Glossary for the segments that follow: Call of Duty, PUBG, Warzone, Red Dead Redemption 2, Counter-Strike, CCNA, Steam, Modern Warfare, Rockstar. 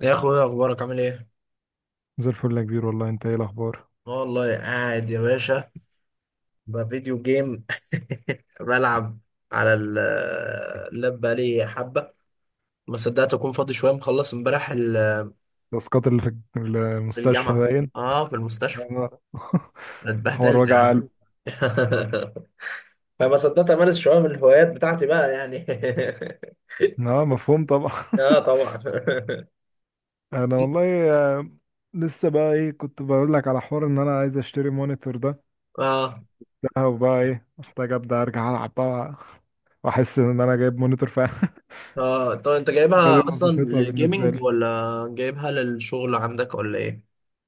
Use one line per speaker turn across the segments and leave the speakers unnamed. يا اخويا ايه اخبارك عامل ايه؟
زي الفل يا كبير، والله انت ايه الاخبار؟
والله قاعد يا باشا، بفيديو جيم. بلعب على اللاب بقالي حبه. ما صدقت اكون فاضي شويه، مخلص امبارح
الاسقاط اللي في المستشفى
الجامعه.
باين.
اه، في المستشفى
انا- حوار
اتبهدلت يا
وجع
عم.
قلب.
فما صدقت امارس شويه من الهوايات بتاعتي بقى يعني.
اه، مفهوم طبعا.
اه طبعا.
انا والله لسه بقى ايه كنت بقول لك على حوار ان انا عايز اشتري مونيتور ده
اه
ده وبقى ايه محتاج ابدا ارجع العب بقى. واحس ان انا جايب مونيتور فعلا.
اه، طب انت
هي دي
جايبها اصلا
وظيفتها بالنسبه لي.
للجيمنج، ولا جايبها للشغل عندك ولا ايه؟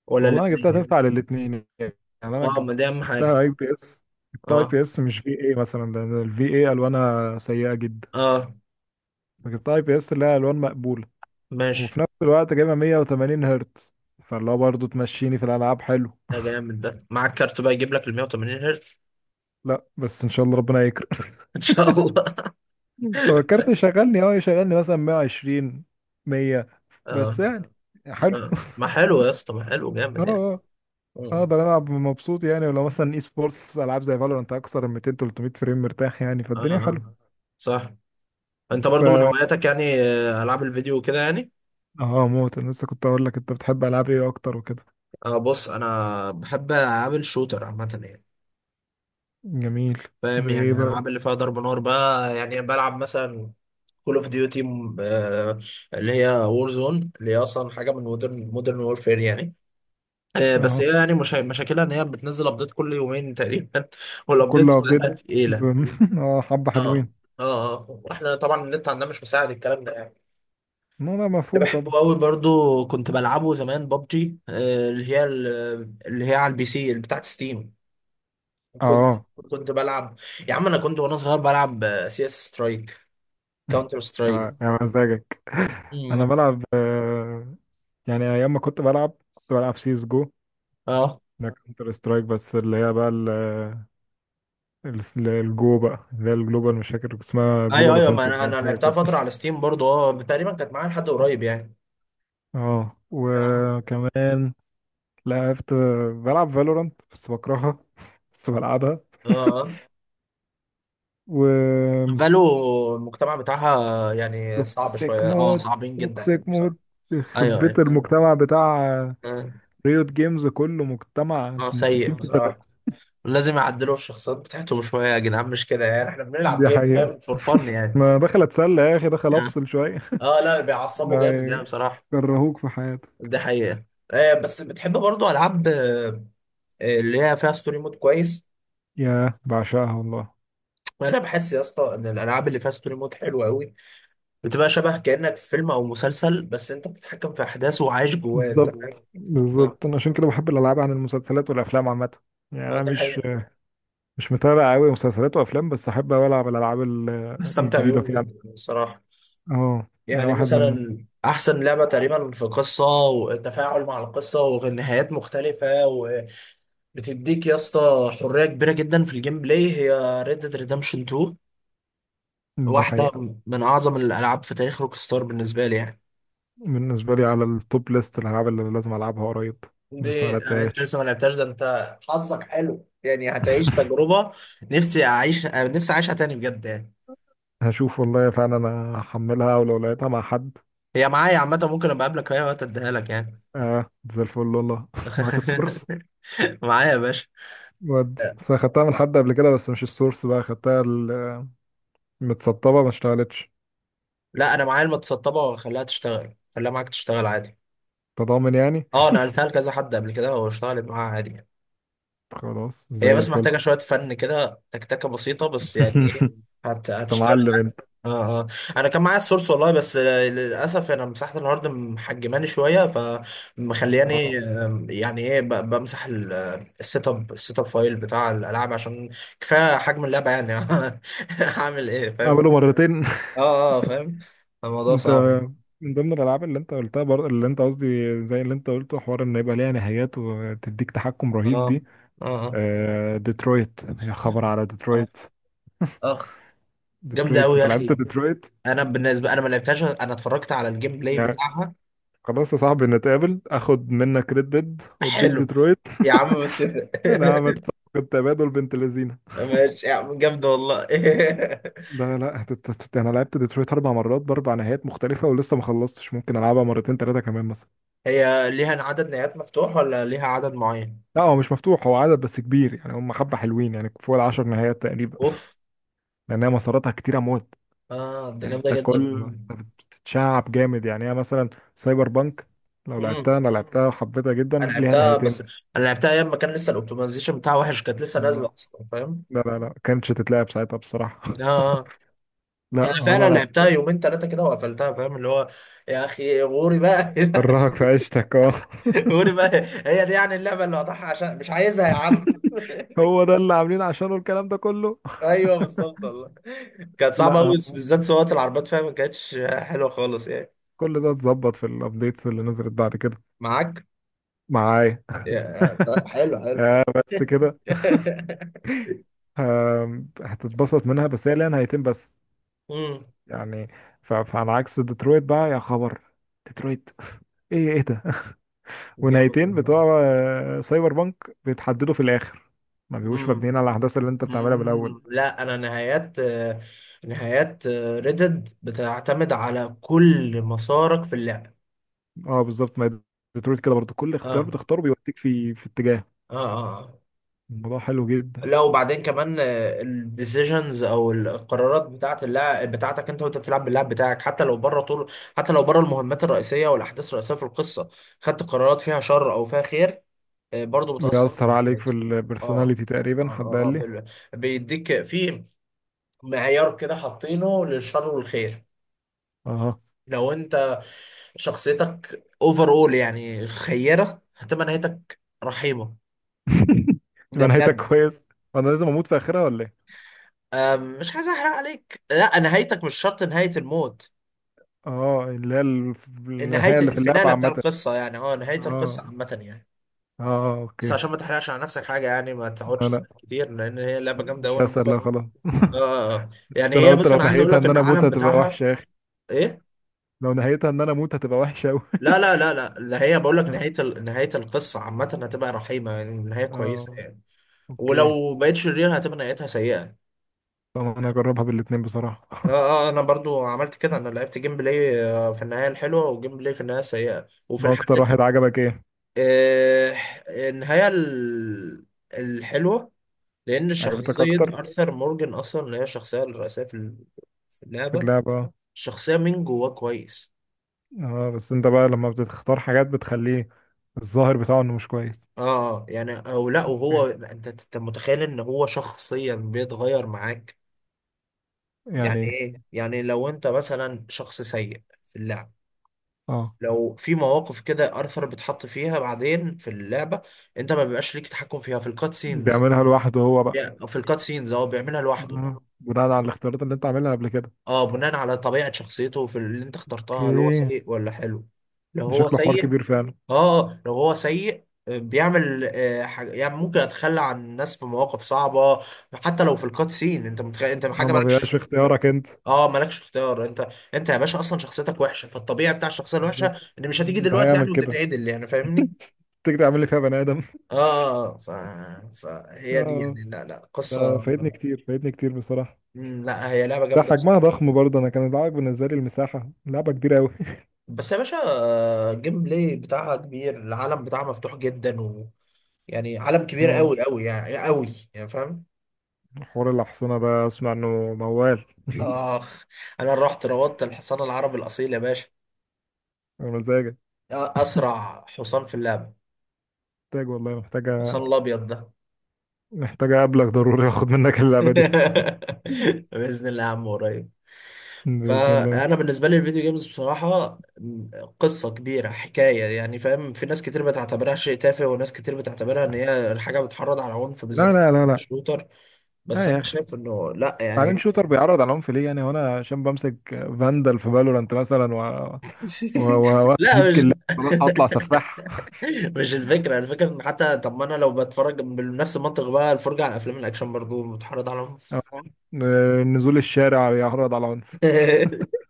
ولا
والله انا جبتها
الاثنين؟
تنفع للاثنين يعني. انا
اه، ما
جب-
دي اهم حاجه.
جبتها اي بي اس جبتها اي
اه
بي اس مش في اي مثلا، لان الفي اي الوانها سيئه جدا.
اه،
فجبتها اي بي اس اللي هي الوان مقبوله،
ماشي.
وفي نفس الوقت جايبه 180 هرتز. فاللي هو برضه تمشيني في الالعاب حلو.
ده جامد، ده معاك كارت بقى يجيب لك ال 180 هرتز؟
لا بس ان شاء الله ربنا يكرم.
ان شاء الله.
هو الكارت يشغلني مثلا 120، 100، بس
اه
يعني حلو.
ما حلو يا اسطى، ما حلو،
اه،
جامد يعني.
اه،
اه
اقدر العب مبسوط يعني، ولو مثلا اي سبورتس العاب زي فالورانت اكثر من 200 300 فريم مرتاح يعني،
اه
فالدنيا حلوه.
صح، انت
ف
برضو من
اه
هواياتك يعني العاب الفيديو كده يعني.
آه، موت، انا لسه كنت اقول لك انت بتحب العاب ايه اكتر وكده.
اه بص، انا بحب العاب الشوتر عامه يعني.
جميل.
فاهم
زي ايه
يعني،
بقى؟
العاب اللي فيها ضرب نار بقى يعني. بلعب مثلا كول اوف ديوتي، اللي هي وور زون، اللي هي اصلا حاجه من مودرن وورفير يعني. بس
اه.
هي يعني مشاكلها ان هي بتنزل ابديت كل يومين تقريبا،
كل
والابديت بتاعتها
ابديت.
تقيله.
اه، حبه
اه
حلوين.
اه واحنا طبعا النت عندنا مش مساعد الكلام ده يعني.
لا، لا،
اللي
مفهوم
بحبه
طبعا.
قوي برضو، كنت بلعبه زمان، ببجي، اللي هي اللي هي على البي سي اللي بتاعت ستيم. كنت
اه،
كنت بلعب. يا عم انا كنت وانا صغير بلعب سي اس سترايك، كاونتر سترايك.
اه، يا مزاجك. انا
مم.
بلعب يعني ايام ما كنت بلعب كنت بلعب سيس جو.
اه
ده كونتر سترايك بس اللي هي بقى الجو بقى اللي هي الجلوبال، مش فاكر اسمها
ايوه
جلوبال
ايوه، ما
اوفنسيف
انا
باين حاجه
لعبتها
كده.
فتره على ستيم برضو، اه تقريبا كانت معايا لحد قريب يعني.
اه،
اه
وكمان لعبت بلعب فالورانت بس بكرهها، بس بلعبها.
اه،
و
فالو المجتمع بتاعها يعني صعب
توكسيك
شوية، اه
مود،
صعبين جدا يعني
توكسيك
بصراحة.
مود، يخرب
ايوه
بيت
ايوه
المجتمع بتاع
اه
ريوت جيمز، كله مجتمع من
سيء بصراحة.
60%.
لازم يعدلوا الشخصيات بتاعتهم شوية يا جدعان، مش كده يعني، احنا بنلعب
دي
جيم
حقيقة.
فاهم؟ فور فن يعني.
ما دخل اتسلى يا اخي، دخل افصل شوية.
اه لا، بيعصبوا
لا،
جامد يعني بصراحة.
يكرهوك في حياتك.
دي حقيقة. آه، بس بتحب برضو ألعاب آه اللي هي فيها ستوري مود كويس.
يا بعشقها والله.
أنا بحس يا اسطى إن الألعاب اللي فيها ستوري مود حلوة أوي. بتبقى شبه كأنك في فيلم أو مسلسل، بس أنت بتتحكم في أحداثه وعايش جواه. أنت فاهم؟
بالظبط
اه
بالظبط، انا عشان كده بحب الالعاب عن المسلسلات والافلام عامة. يعني انا
دي
مش
حقيقة.
مش متابع قوي مسلسلات وافلام، بس احب أوي العب الالعاب ال-
بستمتع
الجديدة
بيهم
كده.
جدا الصراحة.
اه يعني
يعني
واحد من.
مثلا، أحسن لعبة تقريبا في قصة وتفاعل مع القصة ونهايات مختلفة وبتديك يا اسطى حرية كبيرة جدا في الجيم بلاي، هي Red Dead Redemption 2.
دي
واحدة
حقيقة.
من أعظم الألعاب في تاريخ روكستار بالنسبة لي يعني.
بالنسبة لي على التوب ليست الالعاب اللي لازم العبها قريب. لسه ما
دي أنت
لعبتهاش.
لسه ما لعبتهاش؟ ده أنت حظك حلو يعني، هتعيش تجربة. نفسي أعيش نفسي أعيشها تاني بجد يعني.
هشوف والله، فعلا انا هحملها ولو لقيتها مع حد.
هي معايا عامة، ممكن أبقى أقابلك في أي وقت أديها لك يعني.
اه، زي الفل والله. معاك السورس.
معايا يا باشا.
ودي بس أنا خدتها من حد قبل كده، بس مش السورس بقى، خدتها متسطبة ما اشتغلتش.
لا انا معايا المتسطبه، واخليها تشتغل، خليها معاك تشتغل عادي.
تضامن يعني.
اه نقلتها لكذا حد قبل كده واشتغلت معاها عادي يعني.
خلاص
هي
زي
بس
الفل.
محتاجه شويه فن كده، تكتكه بسيطه بس يعني ايه،
انت
هتشتغل
معلم
عادي.
انت.
اه اه، انا كان معايا السورس والله، بس للاسف انا مساحه الهارد محجماني شويه فمخلياني
اه.
يعني ايه، بمسح السيت اب، السيت اب فايل بتاع الالعاب، عشان كفايه حجم اللعبه يعني. هعمل ايه فاهم؟
اعمله مرتين.
اه اه فاهم، الموضوع صعب
انت
يعني.
من ضمن الالعاب اللي انت قلتها اللي انت قصدي، زي اللي انت قلته حوار ان يبقى ليها نهايات وتديك تحكم
اه
رهيب دي.
اه آه.
ديترويت، يا خبر على
اخ
ديترويت.
اخ، جامده
ديترويت،
قوي يا
انت لعبت
اخي.
ديترويت؟
انا بالنسبه، انا ما لعبتهاش، انا اتفرجت على الجيم بلاي
يعني
بتاعها.
خلاص يا صاحبي، نتقابل، اخد منك ريد ديد واديك
حلو
ديترويت.
يا عم، متفق.
انا عملت صفقة تبادل بنت لذينه.
ماشي يا عم، جامده والله.
لا لا، انا لعبت ديترويت 4 مرات باربع نهايات مختلفه ولسه ما خلصتش، ممكن العبها مرتين ثلاثه كمان مثلا.
هي ليها عدد نهايات مفتوح، ولا ليها عدد معين؟
لا، هو مش مفتوح، هو عدد بس كبير يعني، هم حبه حلوين يعني فوق العشر نهايات تقريبا.
اوف،
لانها مساراتها كتيره موت.
اه ده جامده
انت
جدا
كل
والله.
تتشعب جامد يعني. هي مثلا سايبر بانك، لو
امم،
لعبتها انا لعبتها وحبيتها جدا،
انا
ليها
لعبتها،
نهايتين.
بس انا لعبتها ايام ما كان لسه الاوبتمايزيشن بتاعها وحش، كانت لسه
اه.
نازله اصلا فاهم.
لا لا لا كانتش تتلعب ساعتها بصراحه.
اه آه.
لا
انا
هو انا
فعلا
لعبت.
لعبتها يومين ثلاثه كده وقفلتها فاهم اللي هو، يا اخي غوري بقى.
كرهك في عيشتك اه.
قولي بقى، هي دي يعني اللعبه اللي وضعها عشان مش عايزها يا عم.
هو ده اللي عاملين عشانه الكلام ده كله.
ايوه بالظبط والله. كانت صعبه قوي،
لا،
بالذات سواقه العربيات فيها ما كانتش حلوه خالص يعني.
كل ده اتظبط في الابديتس اللي نزلت بعد كده.
معاك؟
معايا.
يا- طيب، حلو حلو.
بس كده. هتتبسط منها، بس هي ليها نهايتين بس
امم،
يعني. فعلى عكس ديترويت بقى يا خبر، ديترويت، ايه ايه ده.
جامد
ونهايتين
والله.
بتوع سايبر بانك بيتحددوا في الاخر، ما بيبقوش
امم
مبنيين على الاحداث اللي انت بتعملها من الاول.
لا، انا نهايات نهايات ريدد بتعتمد على كل مسارك في اللعبه.
اه بالظبط، ما هي ديترويت كده برضو، كل اختيار
اه
بتختاره بيوديك في اتجاه.
اه اه آه.
الموضوع حلو جدا.
لا وبعدين كمان، الديسيجنز او القرارات بتاعت اللاعب بتاعتك، انت وانت بتلعب باللاعب بتاعك، حتى لو بره طول، حتى لو بره المهمات الرئيسيه والاحداث الرئيسيه في القصه، خدت قرارات فيها شر او فيها خير، برضو بتاثر
بيأثر
على
عليك في
نتيجتك. اه
البرسوناليتي
اه
تقريبا، حد
اه
قال لي.
بيديك في معيار كده حاطينه للشر والخير.
اه.
لو انت شخصيتك اوفر اول يعني خيره، هتبقى نهايتك رحيمه. ده
تبقى نهايتك
بجد.
كويس. وانا لازم اموت في اخرها ولا ايه؟
مش عايز احرق عليك، لا نهايتك مش شرط نهايه الموت.
اه اللي هي
نهاية
النهايه اللي في اللعبه
الفينالة بتاع
عامه.
القصة يعني، اه نهاية القصة
اه،
عامة يعني.
اه،
بس
اوكي.
عشان ما تحرقش على نفسك حاجة يعني، ما تقعدش
لا لا،
تسأل كتير، لأن هي لعبة جامدة
مش
أوي، أنا
هسأل،
ممكن
لا خلاص.
اه آه. آه. يعني
بس انا
هي
قلت
بص،
لو
أنا عايز أقول
نهايتها
لك
ان
إن
انا اموت
العالم
هتبقى
بتاعها
وحشه يا اخي.
إيه؟
لو نهايتها ان انا اموت هتبقى وحشه قوي.
لا لا لا لا، اللي هي بقول لك نهاية القصة عامة هتبقى رحيمة يعني، نهاية كويسة
اه
يعني.
اوكي،
ولو بقيت شرير هتبقى نهايتها سيئة.
طب انا هجربها بالاتنين بصراحه.
اه اه انا برضو عملت كده، انا لعبت جيم بلاي في النهايه الحلوه، وجيم بلاي في النهايه السيئه، وفي
هو اكتر
الحالتين
واحد عجبك ايه؟
آه، النهايه الحلوه، لأن
عجبتك
شخصية
اكتر
أرثر مورجان أصلا، اللي هي الشخصية الرئيسية في في
في
اللعبة،
اللعبه.
شخصية من جواه كويس.
اه، بس انت بقى لما بتختار حاجات بتخليه الظاهر بتاعه انه مش كويس.
اه يعني، او لا، وهو انت انت متخيل ان هو شخصيا بيتغير معاك.
يعني
يعني
إيه؟
ايه؟ يعني لو انت مثلا شخص سيء في اللعب،
اه،
لو في مواقف كده ارثر بيتحط فيها بعدين في اللعبة، انت ما بيبقاش ليك تحكم فيها في الكات سينز.
بيعملها لوحده هو بقى.
في الكات سينز هو بيعملها لوحده.
آه. بناء على الاختيارات اللي انت عاملها قبل كده.
اه بناء على طبيعة شخصيته في اللي انت اخترتها، هل هو
اوكي.
سيء ولا حلو. لو
ده
هو
شكله حوار
سيء،
كبير فعلا.
اه لو هو سيء بيعمل حاجة يعني، ممكن اتخلى عن الناس في مواقف صعبة، حتى لو في الكات سين انت انت
هو
حاجة
ما بيبقاش
مالكش،
في اختيارك انت.
اه مالكش اختيار انت. انت يا باشا اصلا شخصيتك وحشة، فالطبيعي بتاع الشخصية الوحشة
بالظبط.
ان مش هتيجي
ده
دلوقتي
هيعمل
يعني
كده،
وتتعدل يعني فاهمني.
تيجي تعمل لي فيها بني ادم.
اه آه، فهي دي
اه،
يعني لا لا
ده
قصة.
فايتني كتير فايتني كتير بصراحة.
مم، لا هي لعبة
ده
جامدة بصراحة.
حجمها ضخم برضه، انا كان العائق بالنسبة لي المساحة، لعبة كبيرة قوي.
بس يا باشا الجيم بلاي بتاعها كبير، العالم بتاعها مفتوح جدا و... يعني عالم كبير
اه،
قوي قوي يعني، قوي يعني فاهم.
حوار الأحصنة ده اسمع انه موال.
اخ، انا رحت روضت الحصان العربي الاصيل يا باشا،
مزاجك.
اسرع حصان في اللعبه،
محتاج والله
الحصان
محتاجة،
الابيض ده.
محتاجة أقابلك ضروري آخد منك اللعبة دي.
باذن الله يا عم قريب.
بإذن الله.
فانا بالنسبه لي الفيديو جيمز بصراحه قصه كبيره، حكايه يعني فاهم. في ناس كتير بتعتبرها شيء تافه، وناس كتير بتعتبرها ان هي حاجه بتحرض على عنف،
لا
بالذات
لا لا لا،
الشوتر. بس
لا يا
انا
أخي،
شايف انه لا
بعدين
يعني.
شوتر بيعرض على العنف ليه يعني؟ هو انا عشان بمسك فاندل في فالورانت مثلا و
لا
واجيب
مش
كلاب، خلاص هطلع سفاح.
مش الفكرة. الفكرة ان حتى طب ما انا لو بتفرج بنفس المنطق بقى، الفرجة على افلام الاكشن برضو بتحرض عليهم.
أهو. نزول الشارع بيعرض على عنف.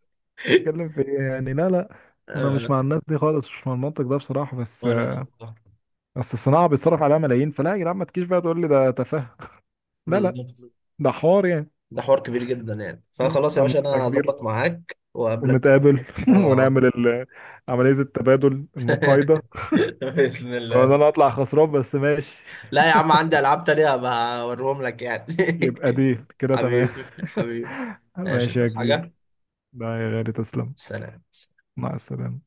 اتكلم في ايه يعني؟ لا لا، انا
آه،
مش مع الناس دي خالص، مش مع المنطق ده بصراحه، بس
ولا الموضوع.
بس الصناعه بيتصرف عليها ملايين، فلا يا جدعان، ما تجيش بقى تقول لي ده تفاهه. لا لا،
بالظبط،
ده حوار يعني.
ده حوار كبير جدا يعني، فخلاص يا
عم
باشا
انا
انا
كبير،
هظبط معاك واقابلك.
ونتقابل.
اه
ونعمل عمليه التبادل المقايضه.
بإذن
وان
الله.
انا اطلع خسران بس ماشي.
لا يا عم عندي العاب تانية هبقى اوريهم لك يعني.
يبقى دي كده تمام.
حبيبي حبيبي. ماشي،
ماشي يا
تصحى حاجة؟
كبير. لا يا غالي، تسلم.
سلام.
مع السلامة.